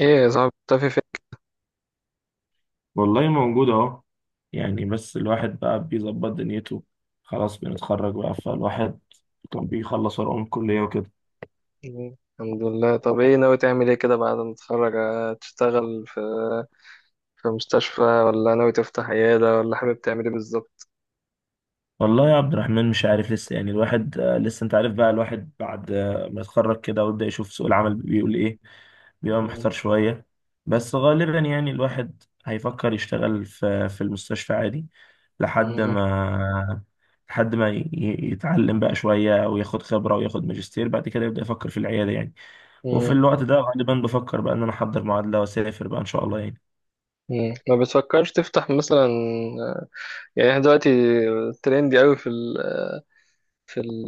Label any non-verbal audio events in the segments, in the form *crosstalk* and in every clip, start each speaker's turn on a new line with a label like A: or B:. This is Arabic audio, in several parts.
A: ايه يا صاحبي مختفي فين؟
B: والله موجود اهو. يعني بس الواحد بقى بيظبط دنيته، خلاص بنتخرج بقى فالواحد كان بيخلص ورقه من الكلية وكده.
A: مم. الحمد لله. طب ايه ناوي تعمل ايه كده بعد ما تتخرج؟ تشتغل في مستشفى ولا ناوي تفتح عيادة ولا حابب تعمل ايه بالظبط؟
B: والله يا عبد الرحمن، مش عارف لسه. يعني الواحد لسه انت عارف، بقى الواحد بعد ما يتخرج كده ويبدأ يشوف سوق العمل بيقول ايه. بيبقى
A: مم.
B: محتار شوية. بس غالبا يعني الواحد هيفكر يشتغل في المستشفى عادي لحد
A: مم.
B: ما لحد ما يتعلم بقى شوية وياخد خبرة وياخد ماجستير، بعد كده يبدأ يفكر في العيادة يعني. وفي
A: مم.
B: الوقت ده غالبا بفكر بقى ان انا احضر معادله واسافر بقى ان شاء الله يعني.
A: مم. ما بتفكرش تفتح مثلا؟ آه، يعني احنا دلوقتي ترندي قوي في ال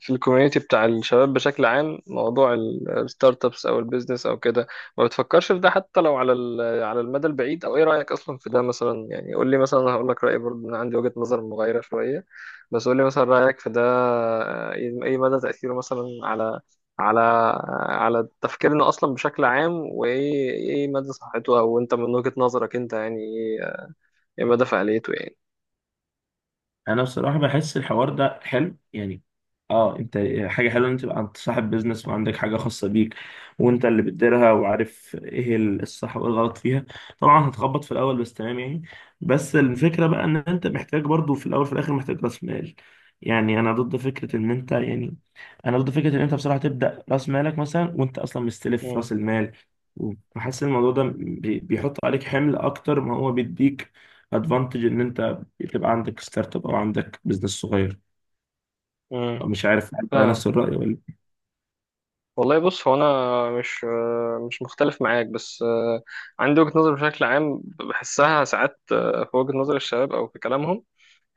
A: في الكوميونتي بتاع الشباب بشكل عام، موضوع الستارت ابس او البيزنس او كده. ما بتفكرش في ده حتى لو على على المدى البعيد، او ايه رايك اصلا في ده؟ مثلا يعني قول لي مثلا. أنا هقول لك رايي برضه، انا عندي وجهه نظر مغايره شويه، بس قول لي مثلا رايك في ده. إيه مدى تاثيره مثلا على على تفكيرنا اصلا بشكل عام؟ وايه مدى صحته؟ او انت من وجهه نظرك انت يعني ايه مدى فعاليته يعني؟
B: انا بصراحه بحس الحوار ده حلو يعني. اه انت، حاجه حلوه ان انت تبقى انت صاحب بيزنس وعندك حاجه خاصه بيك، وانت اللي بتديرها وعارف ايه الصح وايه الغلط فيها. طبعا هتخبط في الاول بس تمام يعني. بس الفكره بقى ان انت محتاج، برضو في الاول وفي الاخر محتاج راس مال. يعني انا ضد فكره ان انت يعني انا ضد فكره ان انت بصراحه تبدا راس مالك مثلا وانت اصلا مستلف راس المال، وحاسس الموضوع ده بيحط عليك حمل اكتر ما هو بيديك. ادفانتج ان انت تبقى عندك ستارت اب او عندك بزنس صغير. مش عارف انت
A: امم
B: نفس الرأي ولا.
A: والله بص، هو انا مش مختلف معاك، بس عندي وجهة نظر بشكل عام بحسها ساعات في وجهة نظر الشباب او في كلامهم،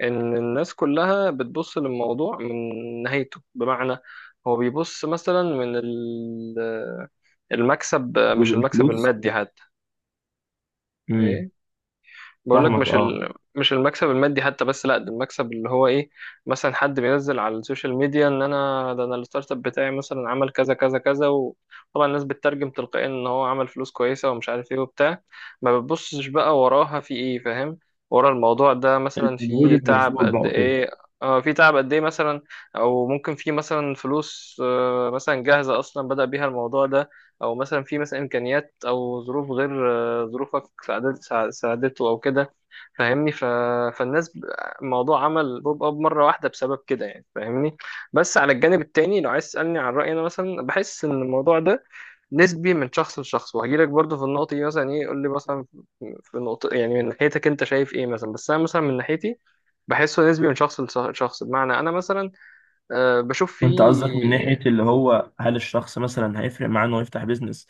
A: ان الناس كلها بتبص للموضوع من نهايته. بمعنى هو بيبص مثلا من المكسب، مش
B: جزء
A: المكسب
B: الفلوس.
A: المادي حتى.
B: امم
A: إيه؟ بقول لك
B: فاهمك
A: مش
B: اه.
A: مش المكسب المادي حتى، بس لا، ده المكسب اللي هو ايه. مثلا حد بينزل على السوشيال ميديا ان انا ده، انا الستارت اب بتاعي مثلا عمل كذا كذا كذا، وطبعا الناس بتترجم تلقائيا ان هو عمل فلوس كويسه ومش عارف ايه وبتاع. ما بتبصش بقى وراها في ايه، فاهم؟ ورا الموضوع ده مثلا
B: المجهود
A: في تعب
B: المبذول بقى
A: قد
B: وكده.
A: ايه. اه، في تعب قد ايه مثلا. او ممكن في مثلا فلوس مثلا جاهزه اصلا بدأ بيها الموضوع ده، او مثلا في مثلا امكانيات او ظروف غير ظروفك، ساعدته او كده، فاهمني؟ فالناس ب- الموضوع عمل بوب اب مره واحده بسبب كده يعني، فاهمني؟ بس على الجانب التاني لو عايز تسالني عن رايي، انا مثلا بحس ان الموضوع ده نسبي من شخص لشخص. وهجيلك برضه في النقطه دي مثلا. ايه قول لي مثلا في نقطه يعني من ناحيتك انت شايف ايه مثلا، بس انا مثلا من ناحيتي بحسه نسبي من شخص لشخص. بمعنى انا مثلا بشوف
B: وانت قصدك من ناحية
A: فيه.
B: اللي هو، هل الشخص مثلا هيفرق معاه انه يفتح بيزنس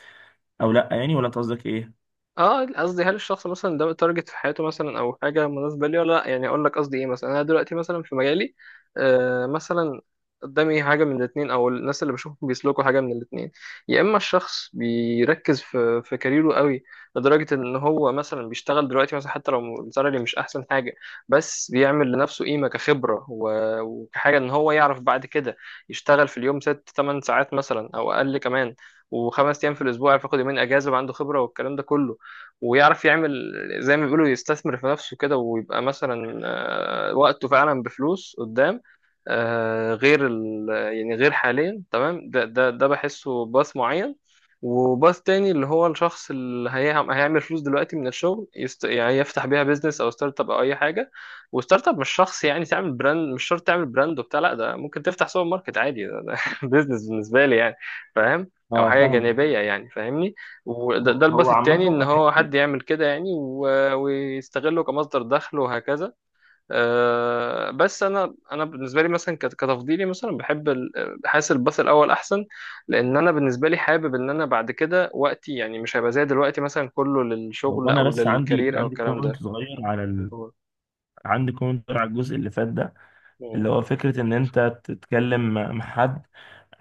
B: او لا يعني، ولا انت قصدك ايه؟
A: اه، قصدي هل الشخص مثلا ده تارجت في حياته مثلا او حاجه مناسبه لي ولا لا، يعني. اقول لك قصدي ايه مثلا، انا دلوقتي مثلا في مجالي مثلا قدامي حاجه من الاثنين، او الناس اللي بشوفهم بيسلكوا حاجه من الاثنين. يا اما الشخص بيركز في كاريره قوي لدرجه ان هو مثلا بيشتغل دلوقتي مثلا حتى لو السالري مش احسن حاجه، بس بيعمل لنفسه قيمه كخبره وكحاجه ان هو يعرف بعد كده يشتغل في اليوم 6-8 ساعات مثلا او اقل كمان، وخمس ايام في الاسبوع، يعرف ياخد يومين اجازه وعنده خبره والكلام ده كله، ويعرف يعمل، زي ما بيقولوا، يستثمر في نفسه كده، ويبقى مثلا وقته فعلا بفلوس قدام، غير يعني غير حاليا تمام. ده بحسه باث معين. وباث تاني اللي هو الشخص اللي هيعمل فلوس دلوقتي من الشغل يعني يفتح بيها بيزنس او ستارت اب او اي حاجه. وستارت اب مش شخص يعني تعمل براند، مش شرط تعمل براند وبتاع، لا، ده ممكن تفتح سوبر ماركت عادي ده *laughs* بيزنس بالنسبه لي يعني. فاهم؟ او
B: اه
A: حاجه
B: فاهمك.
A: جانبيه، يعني فاهمني؟ وده
B: هو
A: ده
B: هو
A: الباث
B: عامة
A: التاني، ان
B: أنا
A: هو حد يعمل كده يعني ويستغله كمصدر دخل وهكذا. بس انا بالنسبه لي مثلا كتفضيلي مثلا بحب حاسس الباث الاول احسن. لان انا بالنسبه لي حابب ان انا بعد كده وقتي، يعني، مش هيبقى زي دلوقتي مثلا كله
B: هو
A: للشغل
B: انا
A: او
B: بس عندي،
A: للكارير او الكلام
B: كومنت
A: ده.
B: صغير على.
A: هو-
B: عندي كومنت على الجزء اللي فات ده،
A: مم.
B: اللي هو فكرة ان انت تتكلم مع حد،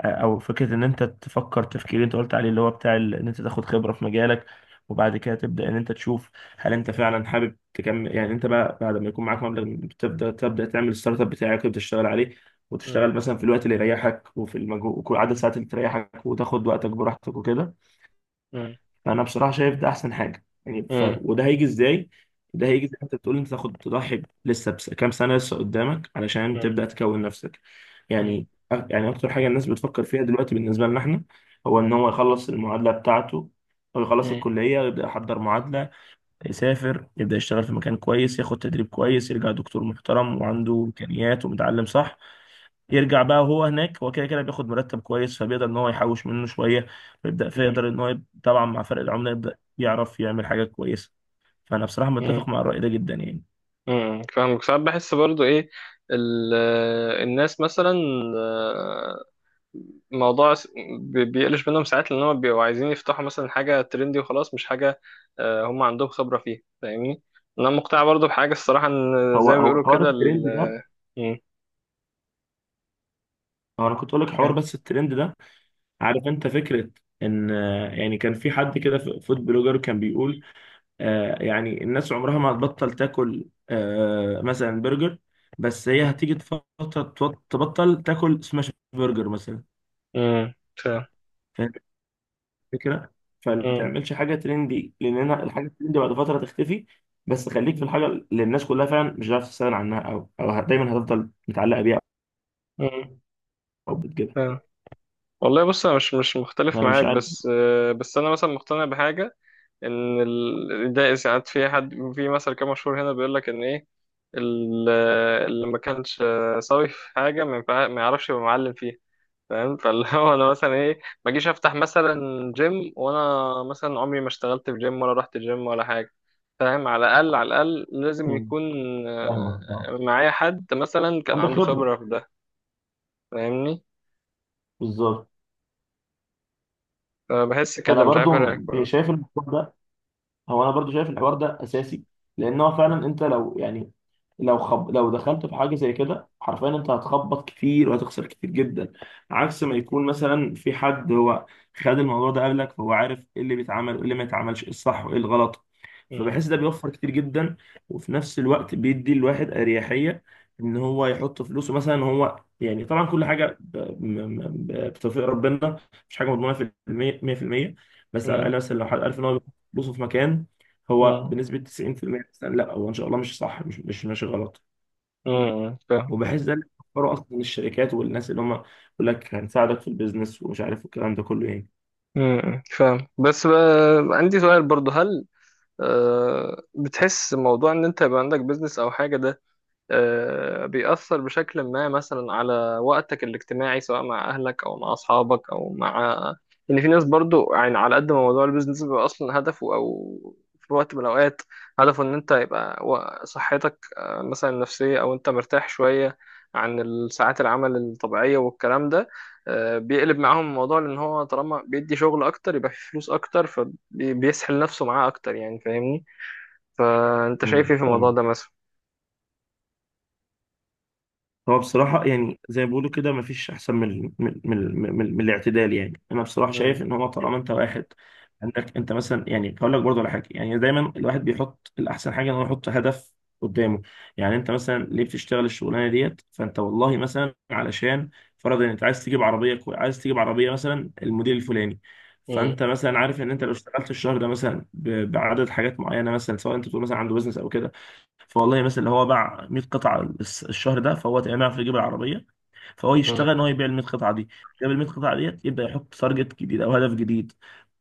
B: او فكره ان انت تفكر تفكير اللي انت قلت عليه، اللي هو بتاع ان انت تاخد خبره في مجالك، وبعد كده تبدا ان انت تشوف هل انت فعلا حابب تكمل. يعني انت بقى بعد ما يكون معاك مبلغ تبدا تعمل الستارت اب بتاعك وتبدا تشتغل عليه،
A: مم.
B: وتشتغل مثلا في الوقت اللي يريحك وفي المجهود وعدد الساعات اللي تريحك وتاخد وقتك براحتك وكده.
A: مم.
B: فانا بصراحه شايف ده احسن حاجه يعني.
A: مم.
B: وده هيجي ازاي؟ ده هيجي زي ما انت بتقول، انت تاخد تضحي لسه بس كام سنه لسه قدامك علشان
A: مم.
B: تبدا تكون نفسك
A: مم.
B: يعني. يعني اكتر حاجه الناس بتفكر فيها دلوقتي بالنسبه لنا احنا، هو ان هو يخلص المعادله بتاعته، او يخلص
A: مم.
B: الكليه يبدا يحضر معادله، يسافر يبدا يشتغل في مكان كويس، ياخد تدريب كويس، يرجع دكتور محترم وعنده امكانيات ومتعلم صح. يرجع بقى هو هناك، هو كده كده بياخد مرتب كويس، فبيقدر ان هو يحوش منه شويه ويبدا
A: مم.
B: فيقدر ان هو طبعا مع فرق العمله يبدا يعرف يعمل حاجه كويسه. فانا بصراحه
A: مم.
B: متفق مع الراي ده جدا يعني.
A: مم. فاهمك. ساعات بحس برضو ايه ال- الناس مثلا آه، الموضوع س- بيقلش منهم ساعات لان هم بيبقوا عايزين يفتحوا مثلا حاجه ترندي وخلاص، مش حاجه هم عندهم خبره فيها، فاهمني؟ انا مقتنع برضو بحاجه الصراحه، ان
B: هو
A: زي ما
B: هو
A: بيقولوا
B: حوار
A: كده
B: الترند ده،
A: مم.
B: هو انا كنت اقول لك حوار
A: فاهم.
B: بس الترند ده. عارف انت فكره ان، يعني كان في حد كده فود بلوجر كان بيقول، يعني الناس عمرها ما هتبطل تاكل مثلا برجر، بس هي هتيجي فتره تبطل تاكل سماش برجر مثلا.
A: مم. فاهم.
B: فكرة، فما
A: مم.
B: تعملش حاجة ترندي لأن أنا الحاجة الترندي بعد فترة تختفي. بس خليك في الحاجة اللي الناس كلها فعلا مش هتعرف تستغنى عنها، دايما هتفضل متعلقة بيها
A: مم.
B: أو بتجيبها.
A: فاهم. والله بص، انا مش مختلف
B: أنا مش
A: معاك،
B: عارف.
A: بس انا مثلا مقتنع بحاجه، ان ده ساعات في حد في مثل كده مشهور هنا بيقول لك ان ايه اللي ما كانش سوي في حاجه ما يعرفش يبقى معلم فيها. فاهم؟ فاللي *laughs* هو انا مثلا ايه، ما اجيش افتح مثلا جيم وانا مثلا عمري ما اشتغلت في جيم ولا رحت جيم ولا حاجه. فاهم؟ على الاقل، على الاقل لازم
B: مم.
A: يكون
B: فاهمك آه.
A: معايا حد مثلا كان
B: عندك
A: عنده
B: خبرة،
A: خبره في ده، فاهمني؟
B: بالظبط.
A: فبحس
B: أنا
A: كده مش عارف
B: برضو
A: اراك برضه.
B: شايف الموضوع ده، هو انا برضو شايف الحوار ده اساسي، لان هو فعلا انت لو يعني، لو دخلت في حاجه زي كده حرفيا انت هتخبط كتير وهتخسر كتير جدا، عكس ما يكون مثلا في حد هو خد الموضوع ده قبلك، فهو عارف ايه اللي بيتعمل وايه اللي ما يتعملش، ايه الصح وايه الغلط.
A: م-
B: فبحس ده بيوفر كتير جدا، وفي نفس الوقت بيدي الواحد اريحيه ان هو يحط فلوسه مثلا هو. يعني طبعا كل حاجه بتوفيق ربنا، مش حاجه مضمونه 100%. بس على
A: م-
B: الاقل مثلا لو حد عارف ان هو بصوا في مكان هو
A: م-
B: بنسبة 90% مثلاً، لا هو ان شاء الله مش صح، مش ماشي غلط.
A: فاهم.
B: وبحس ده اللي بيفكروا اصلا الشركات والناس اللي هم يقول لك هنساعدك في البيزنس ومش عارف الكلام ده كله يعني.
A: فاهم، بس بقى عندي سؤال برضه. هل بتحس موضوع ان انت يبقى عندك بيزنس او حاجه ده، بيأثر بشكل ما مثلا على وقتك الاجتماعي سواء مع أهلك أو مع أصحابك أو مع، إن في ناس برضو يعني على قد ما موضوع البيزنس بيبقى أصلا هدفه، أو في وقت من الأوقات هدفه، إن أنت يبقى صحتك مثلا النفسية أو أنت مرتاح شوية عن الساعات العمل الطبيعية والكلام ده، بيقلب معاهم الموضوع لأن هو طالما بيدي شغل أكتر يبقى فيه فلوس أكتر فبيسحل نفسه معاه أكتر يعني، فاهمني؟ فأنت شايف إيه في الموضوع
B: فاهم.
A: ده مثلا؟
B: هو بصراحة يعني زي ما بيقولوا كده مفيش أحسن من الاعتدال. يعني أنا بصراحة
A: مم.
B: شايف إن هو طالما أنت واحد، عندك أنت مثلا، يعني هقول لك برضه على حاجة، يعني دايما الواحد بيحط الأحسن حاجة إن هو يحط هدف قدامه. يعني أنت مثلا ليه بتشتغل الشغلانة ديت؟ فأنت والله مثلا علشان فرضا أنت عايز تجيب عربية مثلا الموديل الفلاني. فأنت مثلا عارف إن أنت لو اشتغلت الشهر ده مثلا بعدد حاجات معينة، مثلا سواء أنت بتقول مثلا عنده بزنس أو كده. فوالله مثلا لو هو باع 100 قطعه الشهر ده فهو تقريبا يعرف يجيب العربيه. فهو
A: مم.
B: يشتغل ان هو يبيع ال 100 قطعه دي، جاب ال 100 قطعه ديت يبدا يحط تارجت جديد او هدف جديد.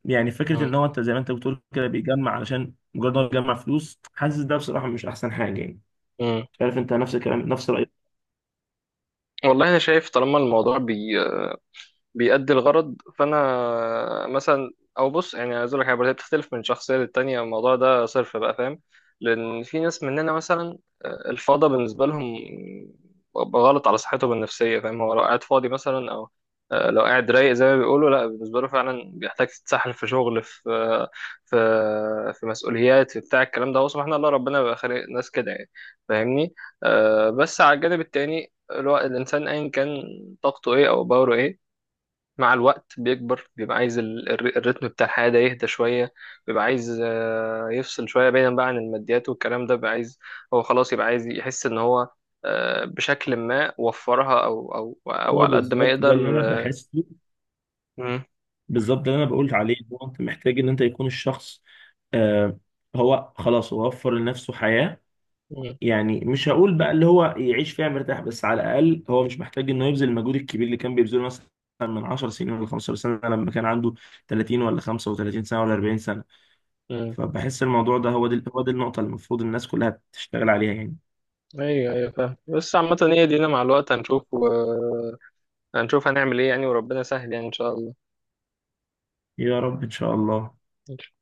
B: يعني فكره
A: مم.
B: ان هو انت زي ما انت بتقول كده بيجمع علشان مجرد ان هو بيجمع فلوس، حاسس ده بصراحه مش احسن حاجه يعني.
A: مم.
B: مش عارف انت نفس الكلام نفس رايك.
A: والله انا شايف طالما الموضوع بيأدي الغرض فانا مثلا. او بص يعني عايز اقول لك حاجه، هي بتختلف من شخصيه للتانيه، الموضوع ده صرف بقى، فاهم؟ لان في ناس مننا مثلا الفاضه بالنسبه لهم غلط على صحتهم النفسيه، فاهم؟ هو لو قاعد فاضي مثلا او لو قاعد رايق زي ما بيقولوا، لا، بالنسبه له فعلا بيحتاج تتسحل في شغل، في في في مسؤوليات، في بتاع الكلام ده. هو سبحان الله، ربنا بيبقى خالق ناس كده يعني، فاهمني؟ بس على الجانب التاني الانسان ايا كان طاقته ايه او باوره ايه، مع الوقت بيكبر، بيبقى عايز الريتم بتاع الحياة ده يهدى شوية. بيبقى عايز يفصل شوية بعيدا بقى عن الماديات والكلام ده. بيبقى عايز، هو خلاص، يبقى عايز يحس إن هو بشكل ما وفرها، أو
B: هو
A: على قد ما
B: بالظبط ده
A: يقدر.
B: اللي انا بحسه.
A: مم.
B: بالظبط ده اللي انا بقول عليه، هو انت محتاج ان انت يكون الشخص، آه هو خلاص هو وفر لنفسه حياه.
A: مم.
B: يعني مش هقول بقى اللي هو يعيش فيها مرتاح، بس على الاقل هو مش محتاج انه يبذل المجهود الكبير اللي كان بيبذله مثلا من 10 سنين ولا 15 سنه، لما كان عنده 30 ولا 35 سنه ولا 40 سنه.
A: مم.
B: فبحس الموضوع ده، هو دي النقطه اللي المفروض الناس كلها تشتغل عليها يعني.
A: أيوه، أيوه، فاهم. بس عامة هي دينا، مع الوقت هنشوف هنعمل إيه يعني، وربنا سهل يعني، إن شاء الله.
B: يا رب ان شاء الله.